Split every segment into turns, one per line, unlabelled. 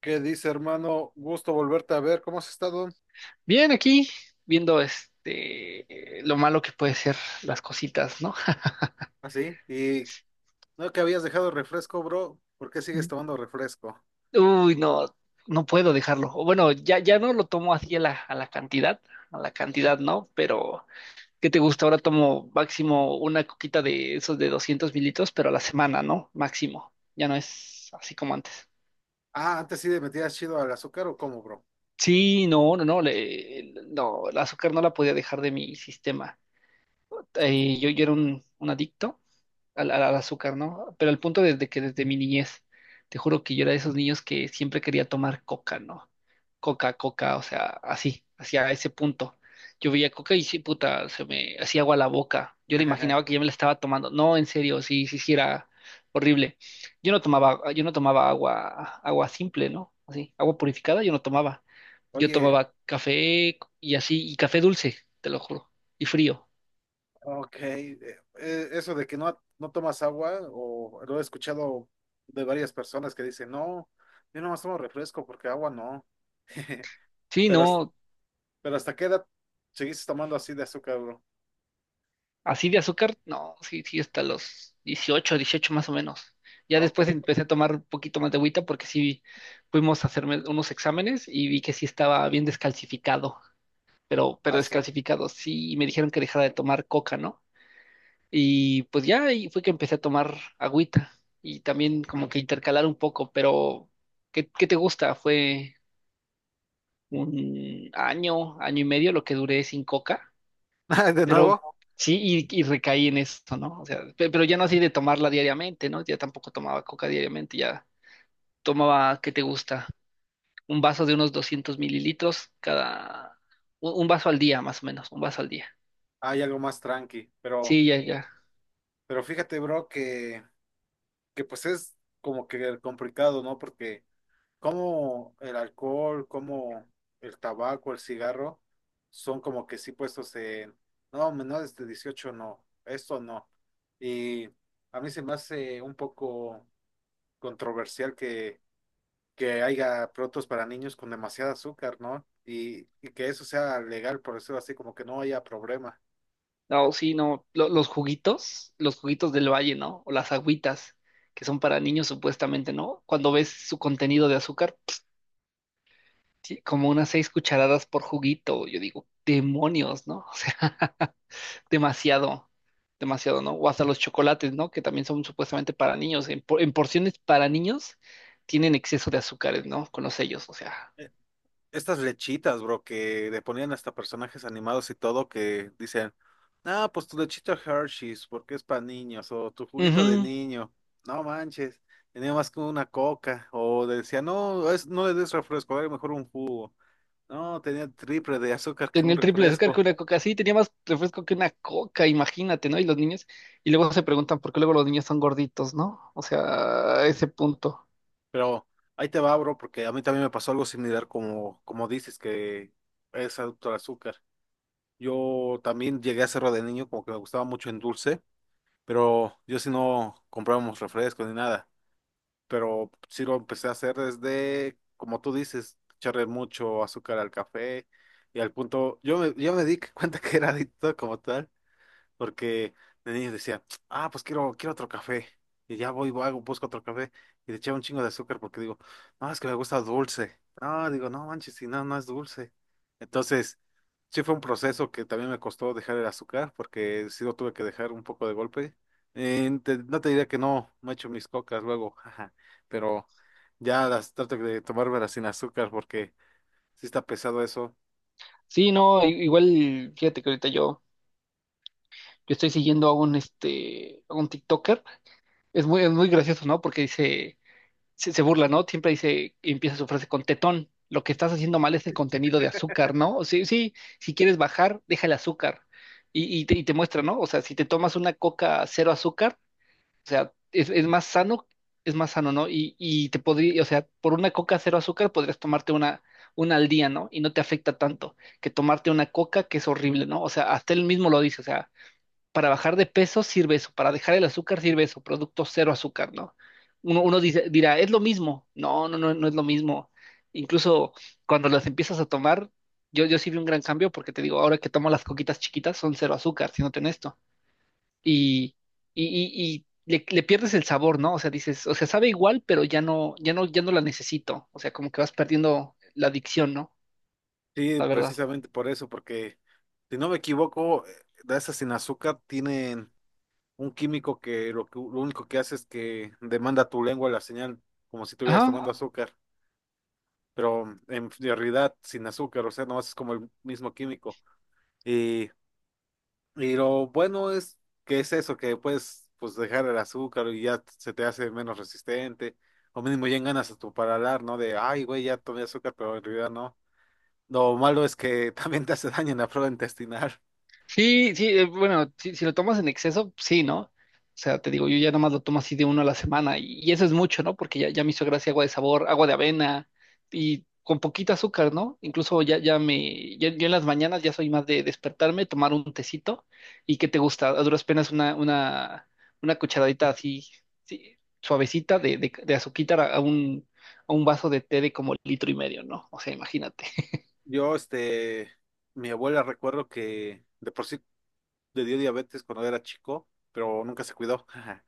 ¿Qué dice, hermano? Gusto volverte a ver. ¿Cómo has estado?
Bien, aquí viendo este lo malo que puede ser las cositas, ¿no?
Así. Y no que habías dejado el refresco, bro. ¿Por qué sigues tomando refresco?
Uy, no, no puedo dejarlo. O bueno, ya, ya no lo tomo así a la cantidad, ¿no? Pero, ¿qué te gusta? Ahora tomo máximo una coquita de esos de 200 ml, pero a la semana, ¿no? Máximo. Ya no es así como antes.
Ah, antes sí le metías chido al azúcar o cómo, bro.
Sí, no, no, no, no, el azúcar no la podía dejar de mi sistema. Yo era un adicto al azúcar, ¿no? Pero el punto desde mi niñez, te juro que yo era de esos niños que siempre quería tomar coca, ¿no? Coca, coca, o sea, así, hacia ese punto. Yo veía coca y sí, puta, se me hacía agua la boca. Yo le imaginaba que ya me la estaba tomando. No, en serio, sí, sí, sí era horrible. Yo no tomaba agua simple, ¿no? Así, agua purificada yo no tomaba. Yo
Oye,
tomaba café y así, y café dulce, te lo juro, y frío.
ok. Eso de que no tomas agua, o lo he escuchado de varias personas que dicen, no, yo nomás tomo refresco porque agua no.
Sí,
Pero,
no,
pero ¿hasta qué edad seguiste tomando así de azúcar, bro?
así de azúcar, no, sí, sí, hasta los dieciocho más o menos. Ya
Ah, ok.
después empecé a tomar un poquito más de agüita porque sí fuimos a hacerme unos exámenes y vi que sí estaba bien descalcificado, pero
Azúcar.
descalcificado, sí, y me dijeron que dejara de tomar coca, ¿no? Y pues ya ahí fue que empecé a tomar agüita y también como que intercalar un poco, pero ¿qué te gusta? Fue un año, año y medio lo que duré sin coca.
De
Pero
nuevo,
sí, y recaí en eso, ¿no? O sea, pero ya no así de tomarla diariamente, ¿no? Ya tampoco tomaba coca diariamente, ya tomaba, ¿qué te gusta? Un vaso de unos 200 ml cada, un vaso al día, más o menos, un vaso al día.
hay algo más tranqui, pero.
Sí, ya, ya.
Pero fíjate, bro, que pues es como que complicado, ¿no? Porque como el alcohol, como el tabaco, el cigarro, son como que sí puestos en, no, menores de 18 no, esto no. Y a mí se me hace un poco controversial que haya productos para niños con demasiada azúcar, ¿no? Y que eso sea legal, por eso así como que no haya problema.
No, sí, no, los juguitos del valle, ¿no? O las agüitas, que son para niños supuestamente, ¿no? Cuando ves su contenido de azúcar, sí, como unas 6 cucharadas por juguito, yo digo, demonios, ¿no? O sea, demasiado, demasiado, ¿no? O hasta los chocolates, ¿no? Que también son supuestamente para niños. En porciones para niños tienen exceso de azúcares, ¿no? Con los sellos, o sea.
Estas lechitas, bro, que le ponían hasta personajes animados y todo, que dicen, ah, pues tu lechita Hershey's, porque es para niños, o tu juguito de
Ujú.
niño, no manches, tenía más que una coca, o decía, no, es, no le des refresco, dale mejor un jugo, no, tenía triple de azúcar que
Tenía
un
el triple de azúcar
refresco,
que una coca. Sí, tenía más refresco que una coca, imagínate, ¿no? Y los niños, y luego se preguntan por qué luego los niños son gorditos, ¿no? O sea, a ese punto.
pero ahí te va, bro, porque a mí también me pasó algo similar como, como dices, que es adicto al azúcar. Yo también llegué a hacerlo de niño, como que me gustaba mucho en dulce. Pero yo sí no comprábamos refrescos ni nada, pero sí lo empecé a hacer desde, como tú dices, echarle mucho azúcar al café y al punto, yo me di cuenta que era adicto como tal porque de niño decía, ah, pues quiero otro café. Y ya voy, busco otro café y le echaba un chingo de azúcar porque digo, no, es que me gusta dulce. No, digo, no manches, si no, no es dulce. Entonces, sí fue un proceso que también me costó dejar el azúcar porque sí lo tuve que dejar un poco de golpe. No te diría que no he hecho mis cocas luego, jaja, pero ya las trato de tomármelas sin azúcar porque sí está pesado eso.
Sí, no, igual, fíjate que ahorita yo estoy siguiendo a un TikToker. Es muy gracioso, ¿no? Porque dice se burla, ¿no? Siempre dice, empieza su frase con tetón. Lo que estás haciendo mal es el contenido de azúcar, ¿no? O sea, sí, si quieres bajar, deja el azúcar. Y te muestra, ¿no? O sea, si te tomas una coca cero azúcar, o sea, es más sano, es más sano, ¿no? Y te podría, o sea, por una coca cero azúcar podrías tomarte una al día, ¿no? Y no te afecta tanto que tomarte una coca que es horrible, ¿no? O sea, hasta él mismo lo dice, o sea, para bajar de peso sirve eso, para dejar el azúcar sirve eso, producto cero azúcar, ¿no? Uno dirá, es lo mismo. No, no, no, no es lo mismo. Incluso cuando las empiezas a tomar, yo sí vi un gran cambio porque te digo, ahora que tomo las coquitas chiquitas son cero azúcar, si no honesto. Y, y le pierdes el sabor, ¿no? O sea, dices, o sea, sabe igual, pero ya no, ya no, ya no la necesito. O sea, como que vas perdiendo la adicción, ¿no?
Sí,
La verdad.
precisamente por eso, porque si no me equivoco, de esas sin azúcar tienen un químico que lo único que hace es que demanda a tu lengua la señal, como si estuvieras
Ajá,
tomando azúcar, pero en realidad sin azúcar, o sea, no es como el mismo químico. Y, y lo bueno es que es eso, que puedes pues dejar el azúcar y ya se te hace menos resistente, o mínimo ya ganas a tu paladar, ¿no? De, ay, güey, ya tomé azúcar, pero en realidad no. Lo malo es que también te hace daño en la flora intestinal.
sí, sí, bueno, si lo tomas en exceso, sí, ¿no? O sea, te digo, yo ya nomás lo tomo así de uno a la semana y eso es mucho, ¿no? Porque ya, ya me hizo gracia agua de sabor, agua de avena y con poquito azúcar, ¿no? Incluso ya, ya, yo en las mañanas ya soy más de despertarme, tomar un tecito y ¿qué te gusta? A duras penas una cucharadita así, sí, suavecita de azuquita a un vaso de té de como litro y medio, ¿no? O sea, imagínate.
Yo, este, mi abuela recuerdo que de por sí le dio diabetes cuando era chico, pero nunca se cuidó.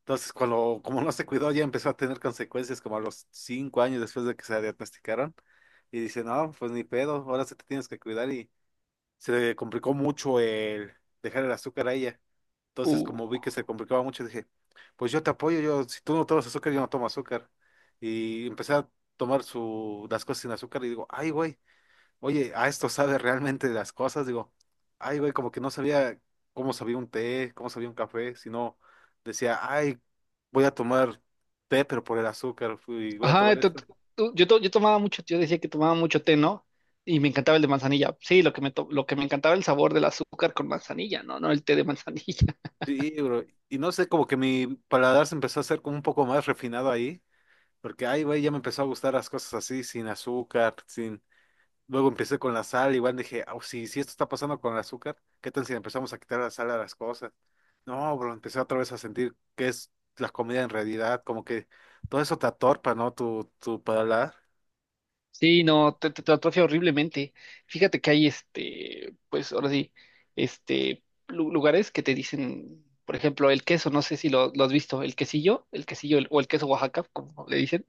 Entonces, cuando, como no se cuidó, ya empezó a tener consecuencias como a los 5 años después de que se la diagnosticaron. Y dice, no, pues ni pedo, ahora se te tienes que cuidar. Y se le complicó mucho el dejar el azúcar a ella. Entonces, como vi que se complicaba mucho, dije, pues yo te apoyo, yo, si tú no tomas azúcar, yo no tomo azúcar. Y empecé a tomar su, las cosas sin azúcar y digo, ay, güey. Oye, a esto sabe realmente de las cosas, digo, ay, güey, como que no sabía cómo sabía un té, cómo sabía un café, sino decía, ay, voy a tomar té, pero por el azúcar, y voy a
Ajá,
tomar esto.
yo tomaba mucho, yo decía que tomaba mucho té, ¿no? Y me encantaba el de manzanilla. Sí, lo que me encantaba el sabor del azúcar con manzanilla, ¿no? No el té de manzanilla.
Sí, bro, y no sé, como que mi paladar se empezó a hacer como un poco más refinado ahí, porque, ay, güey, ya me empezó a gustar las cosas así, sin azúcar, sin... Luego empecé con la sal, igual dije, "Au, si, si esto está pasando con el azúcar, ¿qué tal si le empezamos a quitar la sal a las cosas? No, bro, empecé otra vez a sentir que es la comida en realidad, como que todo eso te atorpa, ¿no? Tu paladar.
Sí, no, te atrofia horriblemente. Fíjate que hay pues ahora sí, este, lugares que te dicen, por ejemplo, el queso, no sé si lo has visto, el quesillo, el quesillo o el queso Oaxaca, como le dicen.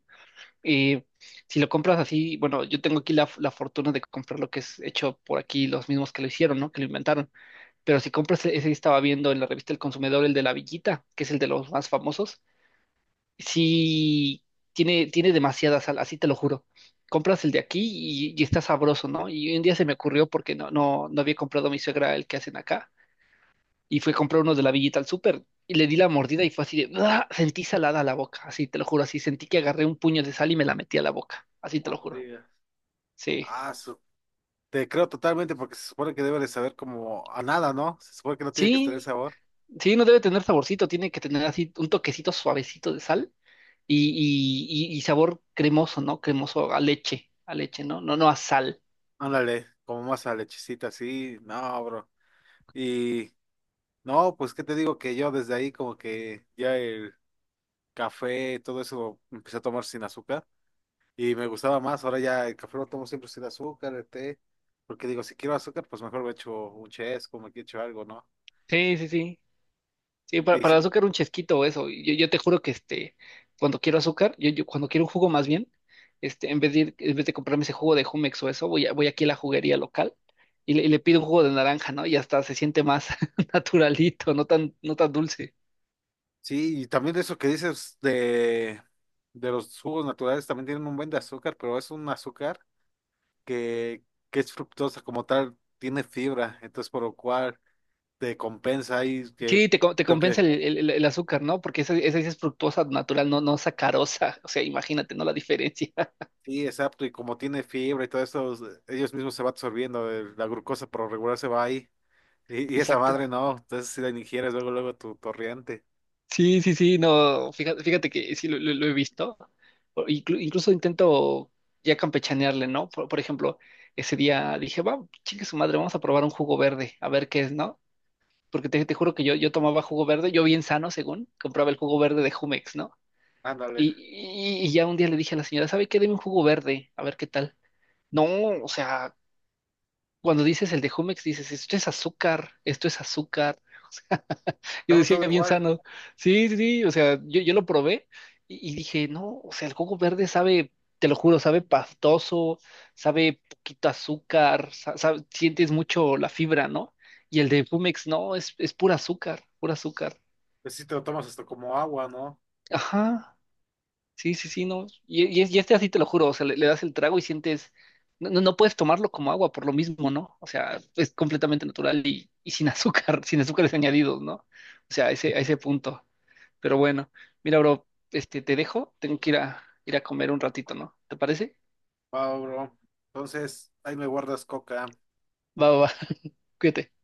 Eh, si lo compras así, bueno, yo tengo aquí la fortuna de comprar lo que es hecho por aquí, los mismos que lo hicieron, ¿no? Que lo inventaron. Pero si compras ese, estaba viendo en la revista El Consumidor, el de la Villita, que es el de los más famosos, sí tiene demasiada sal, así te lo juro. Compras el de aquí y está sabroso, ¿no? Y un día se me ocurrió porque no, no, no había comprado mi suegra el que hacen acá. Y fui a comprar uno de la Villita al súper y le di la mordida y fue así de, ¡ah! Sentí salada la boca, así te lo juro, así sentí que agarré un puño de sal y me la metí a la boca, así te
Ah,
lo
no
juro.
digas.
Sí,
Ah, su- Te creo totalmente porque se supone que debe de saber como a nada, ¿no? Se supone que no tiene que tener
sí,
sabor.
sí, no debe tener saborcito, tiene que tener así un toquecito suavecito de sal y sabor cremoso, ¿no? Cremoso a leche, ¿no? No, no a sal.
Ándale, como más a lechecita, así, no, bro. Y no, pues qué te digo que yo desde ahí como que ya el café, todo eso empecé a tomar sin azúcar. Y me gustaba más, ahora ya el café lo tomo siempre sin azúcar, el té, porque digo, si quiero azúcar, pues mejor me echo un chesco, me echo algo, ¿no?
Sí, sí, sí. Sí, para,
Y
para el
sí,
azúcar un chesquito o eso. Yo te juro que cuando quiero azúcar, yo cuando quiero un jugo más bien, en vez de comprarme ese jugo de Jumex o eso, voy aquí a la juguería local y le pido un jugo de naranja, ¿no? Y hasta se siente más naturalito, no tan, no tan dulce.
sí, y también eso que dices de los jugos naturales, también tienen un buen de azúcar, pero es un azúcar que, que es fructosa como tal, tiene fibra, entonces por lo cual te compensa ahí que
Sí, te
lo que...
compensa el azúcar, ¿no? Porque esa sí es fructosa natural, no, no sacarosa. O sea, imagínate, ¿no? La diferencia.
Sí, exacto, y como tiene fibra y todo eso, ellos mismos se va absorbiendo, la glucosa por lo regular se va ahí. Y esa
Exacto.
madre no, entonces si la ingieres luego, luego tu torriente.
Sí, sí, sí, no, fíjate que sí lo he visto. O incluso intento ya campechanearle, ¿no? Por ejemplo, ese día dije, va, chingue su madre, vamos a probar un jugo verde, a ver qué es, ¿no? Porque te juro que yo tomaba jugo verde, yo bien sano, según, compraba el jugo verde de Jumex, ¿no?
Ándale,
Y, y ya un día le dije a la señora, ¿sabe qué? Deme un jugo verde, a ver qué tal. No, o sea, cuando dices el de Jumex, dices, esto es azúcar, esto es azúcar. Yo
dame
decía
todo
bien
igual,
sano. Sí, sí, sí, o sea, yo lo probé y dije, no, o sea, el coco verde sabe, te lo juro, sabe pastoso, sabe poquito azúcar, sientes mucho la fibra, ¿no? Y el de Pumex, no, es pura azúcar, pura azúcar.
pues si te lo tomas esto como agua, ¿no?
Ajá, sí, sí, sí, no. Y así te lo juro, o sea, le das el trago y sientes, no, no puedes tomarlo como agua por lo mismo, ¿no? O sea, es completamente natural y sin azúcar, sin azúcares añadidos, ¿no? O sea, a ese punto. Pero bueno, mira, bro, te dejo, tengo que ir a comer un ratito, ¿no? ¿Te parece?
Va, bro. Entonces, ahí me guardas coca.
Va, va, va, cuídate.